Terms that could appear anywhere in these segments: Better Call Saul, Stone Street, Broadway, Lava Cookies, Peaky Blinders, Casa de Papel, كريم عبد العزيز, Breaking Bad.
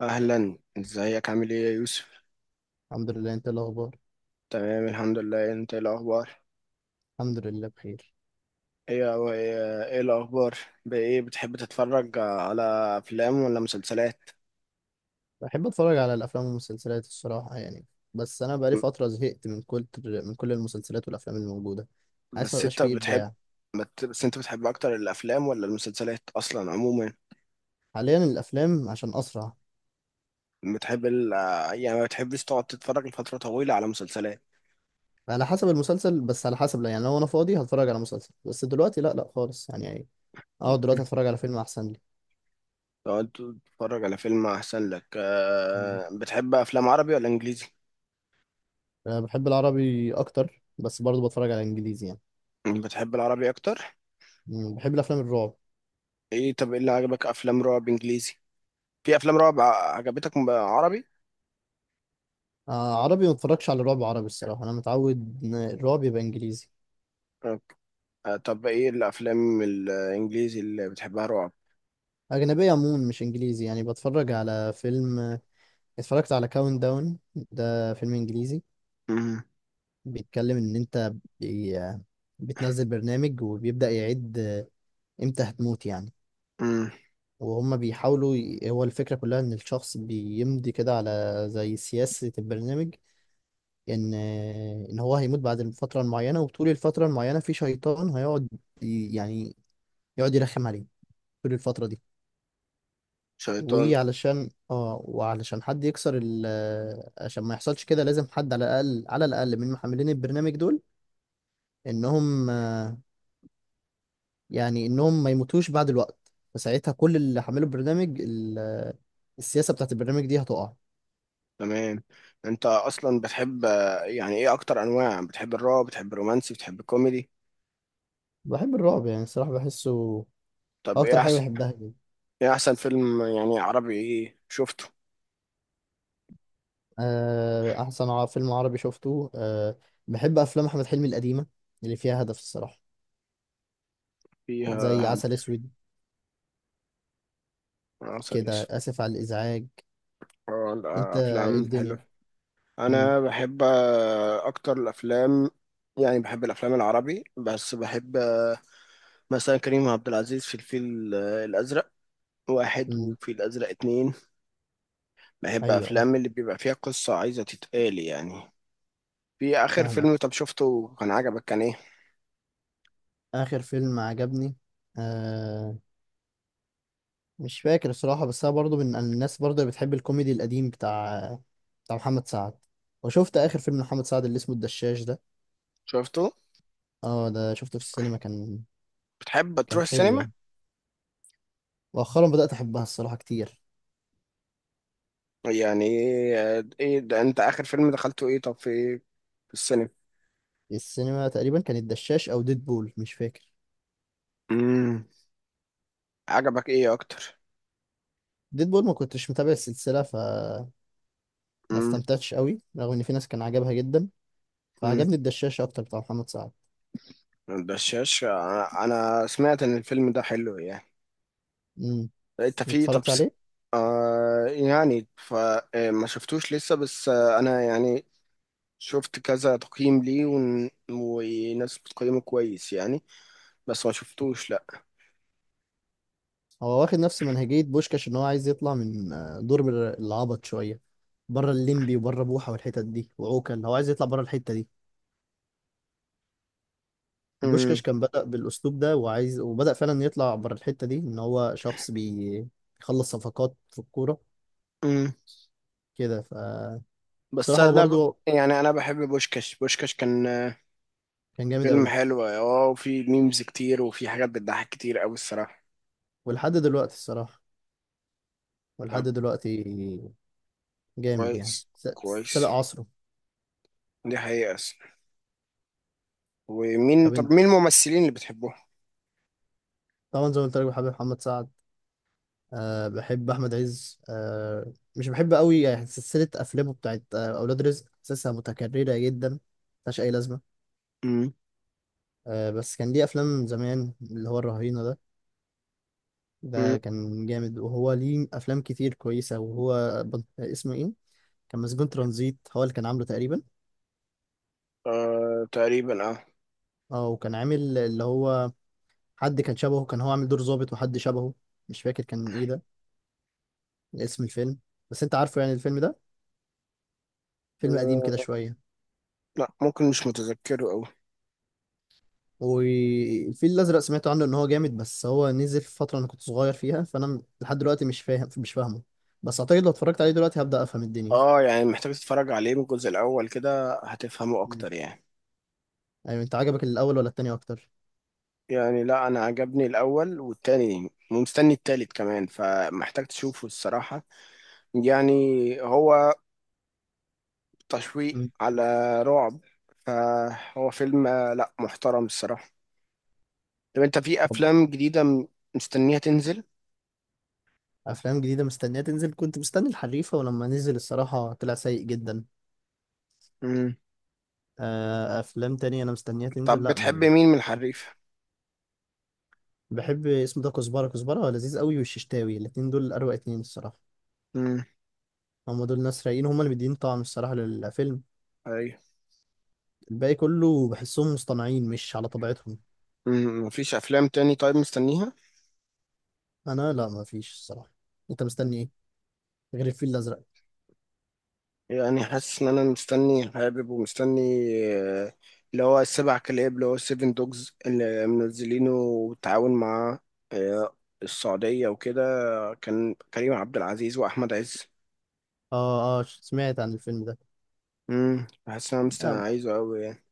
اهلا، ازيك؟ عامل ايه يا يوسف؟ الحمد لله، انت إيه الاخبار؟ تمام، الحمد لله. انت ايه الاخبار؟ الحمد لله بخير. إيه الاخبار؟ بايه بتحب تتفرج على افلام ولا مسلسلات؟ بحب اتفرج على الافلام والمسلسلات الصراحه يعني. بس انا بقالي م- فتره زهقت من كل المسلسلات والافلام الموجوده، حاسس ما بس بقاش انت فيه بتحب ابداع. بس انت بتحب اكتر الافلام ولا المسلسلات اصلا عموما؟ حاليا الافلام عشان اسرع. بتحب ال... يعني ما بتحبش تقعد تتفرج لفترة طويلة على مسلسلات؟ على حسب المسلسل، بس على حسب، لا يعني، لو انا فاضي هتفرج على مسلسل، بس دلوقتي لا لا خالص يعني اقعد دلوقتي اتفرج على فيلم احسن لي. تقعد تتفرج على فيلم احسن لك. مم. بتحب افلام عربي ولا انجليزي؟ أه، بحب العربي اكتر، بس برضه بتفرج على انجليزي يعني. بتحب العربي اكتر؟ مم، بحب الافلام الرعب. ايه، طب ايه اللي عجبك؟ افلام رعب انجليزي؟ في افلام رعب عجبتك عربي؟ آه، عربي ما بتفرجش على رعب عربي الصراحه، انا متعود ان الرعب يبقى انجليزي. آه، طب ايه الافلام الانجليزي اللي بتحبها رعب؟ أجنبية عموما مش إنجليزي يعني، بتفرج على فيلم. اتفرجت على كاونت داون، ده فيلم إنجليزي، مم. بيتكلم إن أنت بي... بتنزل برنامج وبيبدأ يعد إمتى هتموت يعني. مم. وهم بيحاولوا. هو الفكرة كلها إن الشخص بيمضي كده على زي سياسة البرنامج، إن إن هو هيموت بعد الفترة المعينة، وطول الفترة المعينة في شيطان هيقعد يعني يقعد يرخم عليه طول الفترة دي. شيطان؟ وعلشان حد يكسر عشان ما يحصلش كده لازم حد على الاقل على الاقل من محملين البرنامج دول، انهم آه، يعني انهم ما يموتوش بعد الوقت، فساعتها كل اللي حملوا البرنامج السياسة بتاعت البرنامج دي هتقع. تمام. انت اصلا بتحب يعني ايه اكتر انواع؟ بتحب الرعب؟ بتحب الرومانسي؟ بتحب الكوميدي؟ بحب الرعب يعني الصراحة بحسه هو طب ايه اكتر حاجة احسن؟ بحبها جدا. ايه احسن فيلم يعني عربي، ايه شفته؟ احسن فيلم عربي شفته. بحب افلام احمد حلمي القديمة اللي فيها هدف الصراحة، فيها زي هل؟ عسل اسود عسل كده، اسود؟ اسف على الازعاج. آه. انت إيه الافلام حلو. الدنيا؟ مم. انا بحب اكتر الافلام. يعني بحب الافلام العربي، بس بحب مثلا كريم عبد العزيز في الفيل الأزرق واحد، مم. وفي الأزرق اتنين. بحب ايوه، ايوه. أفلام اللي بيبقى فيها قصة عايزة تتقال يعني. في آخر فاهمك. فيلم طب شفته كان عجبك كان إيه؟ اخر فيلم عجبني. آه مش فاكر الصراحه، بس انا برضو من الناس برضو اللي بتحب الكوميدي القديم، بتاع محمد سعد. وشفت اخر فيلم محمد سعد اللي اسمه الدشاش ده. شفته؟ اه، ده شفته في السينما كان بتحب تروح كان حلو السينما؟ يعني. مؤخرا بدات احبها الصراحه كتير. يعني، آه، إيه ده، أنت آخر فيلم دخلته إيه طب؟ في إيه في السينما؟ السينما تقريبا كان الدشاش او ديدبول، مش فاكر. امم. عجبك إيه أكتر؟ ديدبول ما كنتش متابع السلسله، فما امم. استمتعتش قوي، رغم ان في ناس كان عجبها جدا. امم. فعجبني الدشاش اكتر، بتاع محمد سعد. الدشاش أنا سمعت إن الفيلم ده حلو يعني. امم. أنت في طب اتفرجت عليه. يعني فما شفتوش لسه، بس انا يعني شفت كذا تقييم ليه وناس بتقيمه كويس يعني. بس ما شفتوش، لا. هو واخد نفس منهجية بوشكاش، ان هو عايز يطلع من دور العبط شوية، بره الليمبي وبره بوحة والحتت دي وعوكل، اللي هو عايز يطلع بره الحتة دي. امم. بوشكاش كان بدأ بالأسلوب ده، وبدأ فعلا يطلع بره الحتة دي، ان هو شخص بيخلص صفقات في الكورة امم. كده. بس بصراحة هو انا ب... برضه يعني انا بحب بوشكاش. بوشكاش كان كان جامد فيلم قوي. حلو. اه، وفي ميمز كتير، وفي حاجات بتضحك كتير قوي الصراحة. ولحد دلوقتي الصراحة، ولحد طب. دلوقتي جامد يعني، كويس. كويس. سابق عصره. دي حقيقة أصلاً. طب طب إن- مين الممثلين اللي بتحبوه؟ طبعا زي ما قلت لك بحب محمد سعد. أه، بحب احمد عز. مش بحب قوي يعني، سلسله افلامه بتاعت اولاد رزق، حاسسها متكرره جدا، ملهاش اي لازمه. امم. أه، بس كان ليه افلام زمان اللي هو الرهينه ده، ده امم. كان جامد. وهو ليه افلام كتير كويسه، وهو اسمه ايه، كان مسجون ترانزيت هو اللي كان عامله تقريبا. آه، تقريبا، اه. اه، وكان عامل اللي هو، حد كان شبهه، كان هو عامل دور ظابط وحد شبهه، مش فاكر كان ايه ده، اسم الفيلم. بس انت عارفه يعني الفيلم ده، فيلم قديم كده آه، شويه. لا، ممكن مش متذكره قوي. والفيل الازرق سمعت عنه ان هو جامد، بس هو نزل في فتره انا كنت صغير فيها، فانا لحد دلوقتي مش فاهم، مش فاهمه. بس اعتقد لو اتفرجت عليه دلوقتي هبدا افهم الدنيا. اه، يعني محتاج تتفرج عليه من الجزء الاول كده هتفهمه مم. اكتر يعني. ايوه، انت عجبك الاول ولا التاني اكتر؟ يعني لا، انا عجبني الاول والتاني، ومستني التالت كمان، فمحتاج تشوفه الصراحة. يعني. هو. تشويق مم. على رعب. فهو فيلم لا، محترم الصراحة. طب انت في طب، افلام جديدة مستنيها تنزل؟ افلام جديده مستنيه تنزل، كنت مستني الحريفه، ولما نزل الصراحه طلع سيء جدا. مم. افلام تانية انا مستنيها تنزل، طب لا بتحب م- مين من الحريف؟ بحب اسمه ده كزبره، كزبره لذيذ قوي، والششتاوي، الاتنين دول اروع اتنين الصراحه. مم. هم دول ناس رايقين، هم اللي مدين طعم الصراحه للفيلم. ايوه. الباقي كله بحسهم مصطنعين مش على طبيعتهم. مم. مفيش افلام تاني طيب مستنيها؟ انا لا، ما فيش الصراحه. انت مستني ايه، غير الفيل الازرق؟ يعني حاسس ان انا مستني، حابب، ومستني آه، اللي هو السبع كلاب، اللي هو سيفن دوجز، اللي منزلينه بالتعاون مع آه، السعودية وكده. كان كريم عبد العزيز واحمد عز. اه، اه، سمعت عن الفيلم ده. حاسس ان انا مستني، آه عايزه قوي يعني.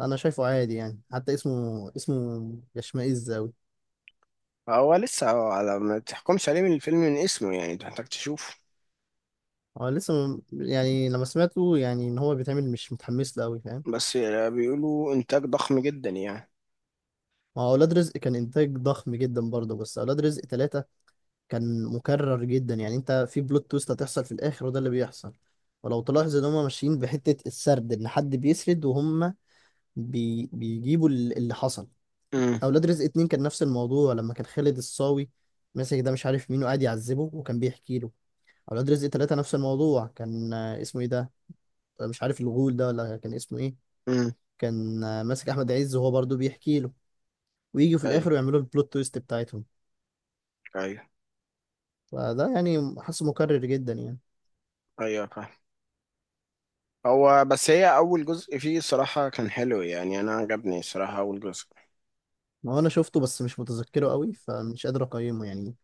انا شايفه عادي يعني، حتى اسمه يشمئز قوي. هو لسه، على ما تحكمش عليه من الفيلم من اسمه يعني، أنت محتاج تشوفه. هو لسه يعني لما سمعته يعني ان هو بيتعمل مش متحمس له قوي، فاهم. بس بيقولوا انتاج ضخم جدا يعني. ما هو اولاد رزق كان انتاج ضخم جدا برضه، بس اولاد رزق ثلاثة كان مكرر جدا يعني، انت في بلوت تويست هتحصل في الاخر وده اللي بيحصل. ولو تلاحظ ان هم ماشيين بحتة السرد، ان حد بيسرد وهم بيجيبوا اللي حصل. امم. اولاد رزق اتنين كان نفس الموضوع، لما كان خالد الصاوي ماسك ده مش عارف مين وقاعد يعذبه، وكان بيحكي له. اولاد رزق تلاتة نفس الموضوع، كان اسمه ايه ده، مش عارف الغول ده ولا كان اسمه ايه، امم. كان ماسك احمد عز، وهو برضو بيحكي له، ويجي في ايوه. الاخر ويعملوا البلوت تويست بتاعتهم. ايوه. فده يعني حاسه مكرر جدا يعني. ايوه، فاهم. هو بس هي اول جزء فيه الصراحه كان حلو، يعني انا عجبني الصراحه اول جزء. ما هو انا شفته بس مش متذكره قوي، فمش قادر اقيمه يعني.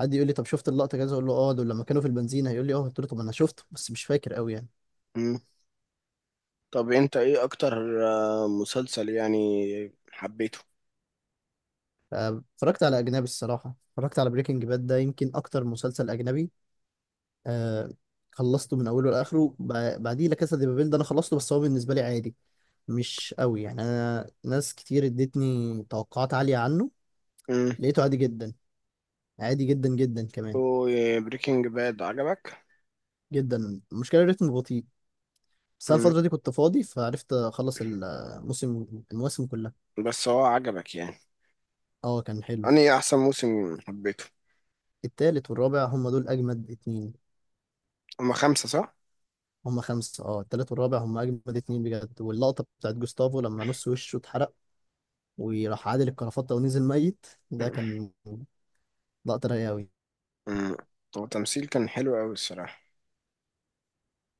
حد يقول لي طب شفت اللقطه كذا، اقول له اه دول لما كانوا في البنزينه، هيقول لي اه، قلت له طب انا شفته بس مش فاكر قوي يعني. مم. طب انت ايه اكتر مسلسل يعني حبيته؟ اتفرجت على أجنبي الصراحة، اتفرجت على بريكنج باد، ده يمكن أكتر مسلسل أجنبي. آه، خلصته من أوله لآخره، بعديه لا كاسا دي بابيل ده أنا خلصته، بس هو بالنسبة لي عادي، مش قوي يعني، أنا ناس كتير ادتني توقعات عالية عنه، امم. لقيته عادي جدا، عادي جدا جدا كمان بريكنج باد عجبك؟ جدا. المشكلة الريتم بطيء، بس أنا مم. الفترة دي كنت فاضي فعرفت أخلص الموسم، المواسم كلها. بس هو عجبك يعني؟ اه، كان حلو. انا احسن موسم حبيته. التالت والرابع هم دول أجمد اتنين. هما خمسة صح؟ هم خمسة، اه، التالت والرابع هم أجمد اتنين بجد، واللقطة بتاعت جوستافو لما نص وشه اتحرق وراح عادل الكرافتة ونزل ميت، ده كان لقطة رايقة أوي. مم. هو تمثيل كان حلو قوي الصراحه.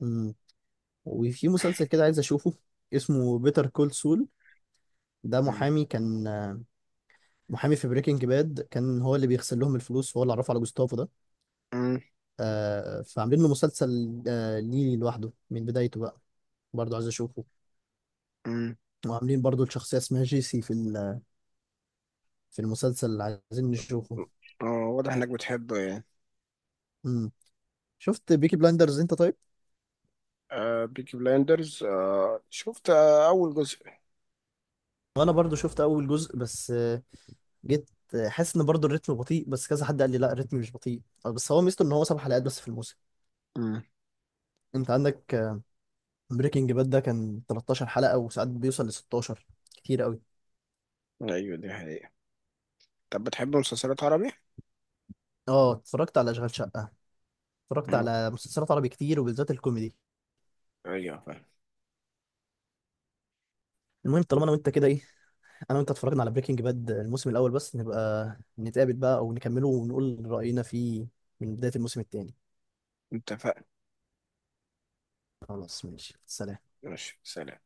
أمم. وفي مسلسل كده عايز أشوفه، اسمه بيتر كول سول، ده مم. محامي، كان محامي في بريكنج باد، كان هو اللي بيغسل لهم الفلوس وهو اللي عرفه على جوستافو ده. مم. آه، فعاملين له مسلسل، ليه لوحده من بدايته بقى، برضه عايز أشوفه. مم. وعاملين برضه الشخصية اسمها جيسي في المسلسل اللي عايزين نشوفه. اه. واضح انك بتحبه يعني. أمم. شفت بيكي بلايندرز انت طيب؟ آه، بيكي بلايندرز، شفت اول جزء. وانا برضو شفت اول جزء، بس جيت حاسس ان برضو الريتم بطيء، بس كذا حد قال لي لا، الريتم مش بطيء، بس هو ميزته ان هو 7 حلقات بس في الموسم. مم. انت عندك بريكنج باد ده كان 13 حلقة، وساعات بيوصل ل 16، كتير قوي. ايوه، دي حقيقة. طب بتحب مسلسلات عربي؟ اه، اتفرجت على اشغال شقة، اتفرجت مم. على مسلسلات عربي كتير، وبالذات الكوميدي. ايوه، فاهم. المهم، طالما انا وانت كده ايه، انا وانت اتفرجنا على بريكنج باد الموسم الاول بس، نبقى نتقابل بقى او نكمله ونقول رأينا فيه من بداية الموسم التاني. اتفقنا. خلاص ماشي، سلام. ماشي، سلام.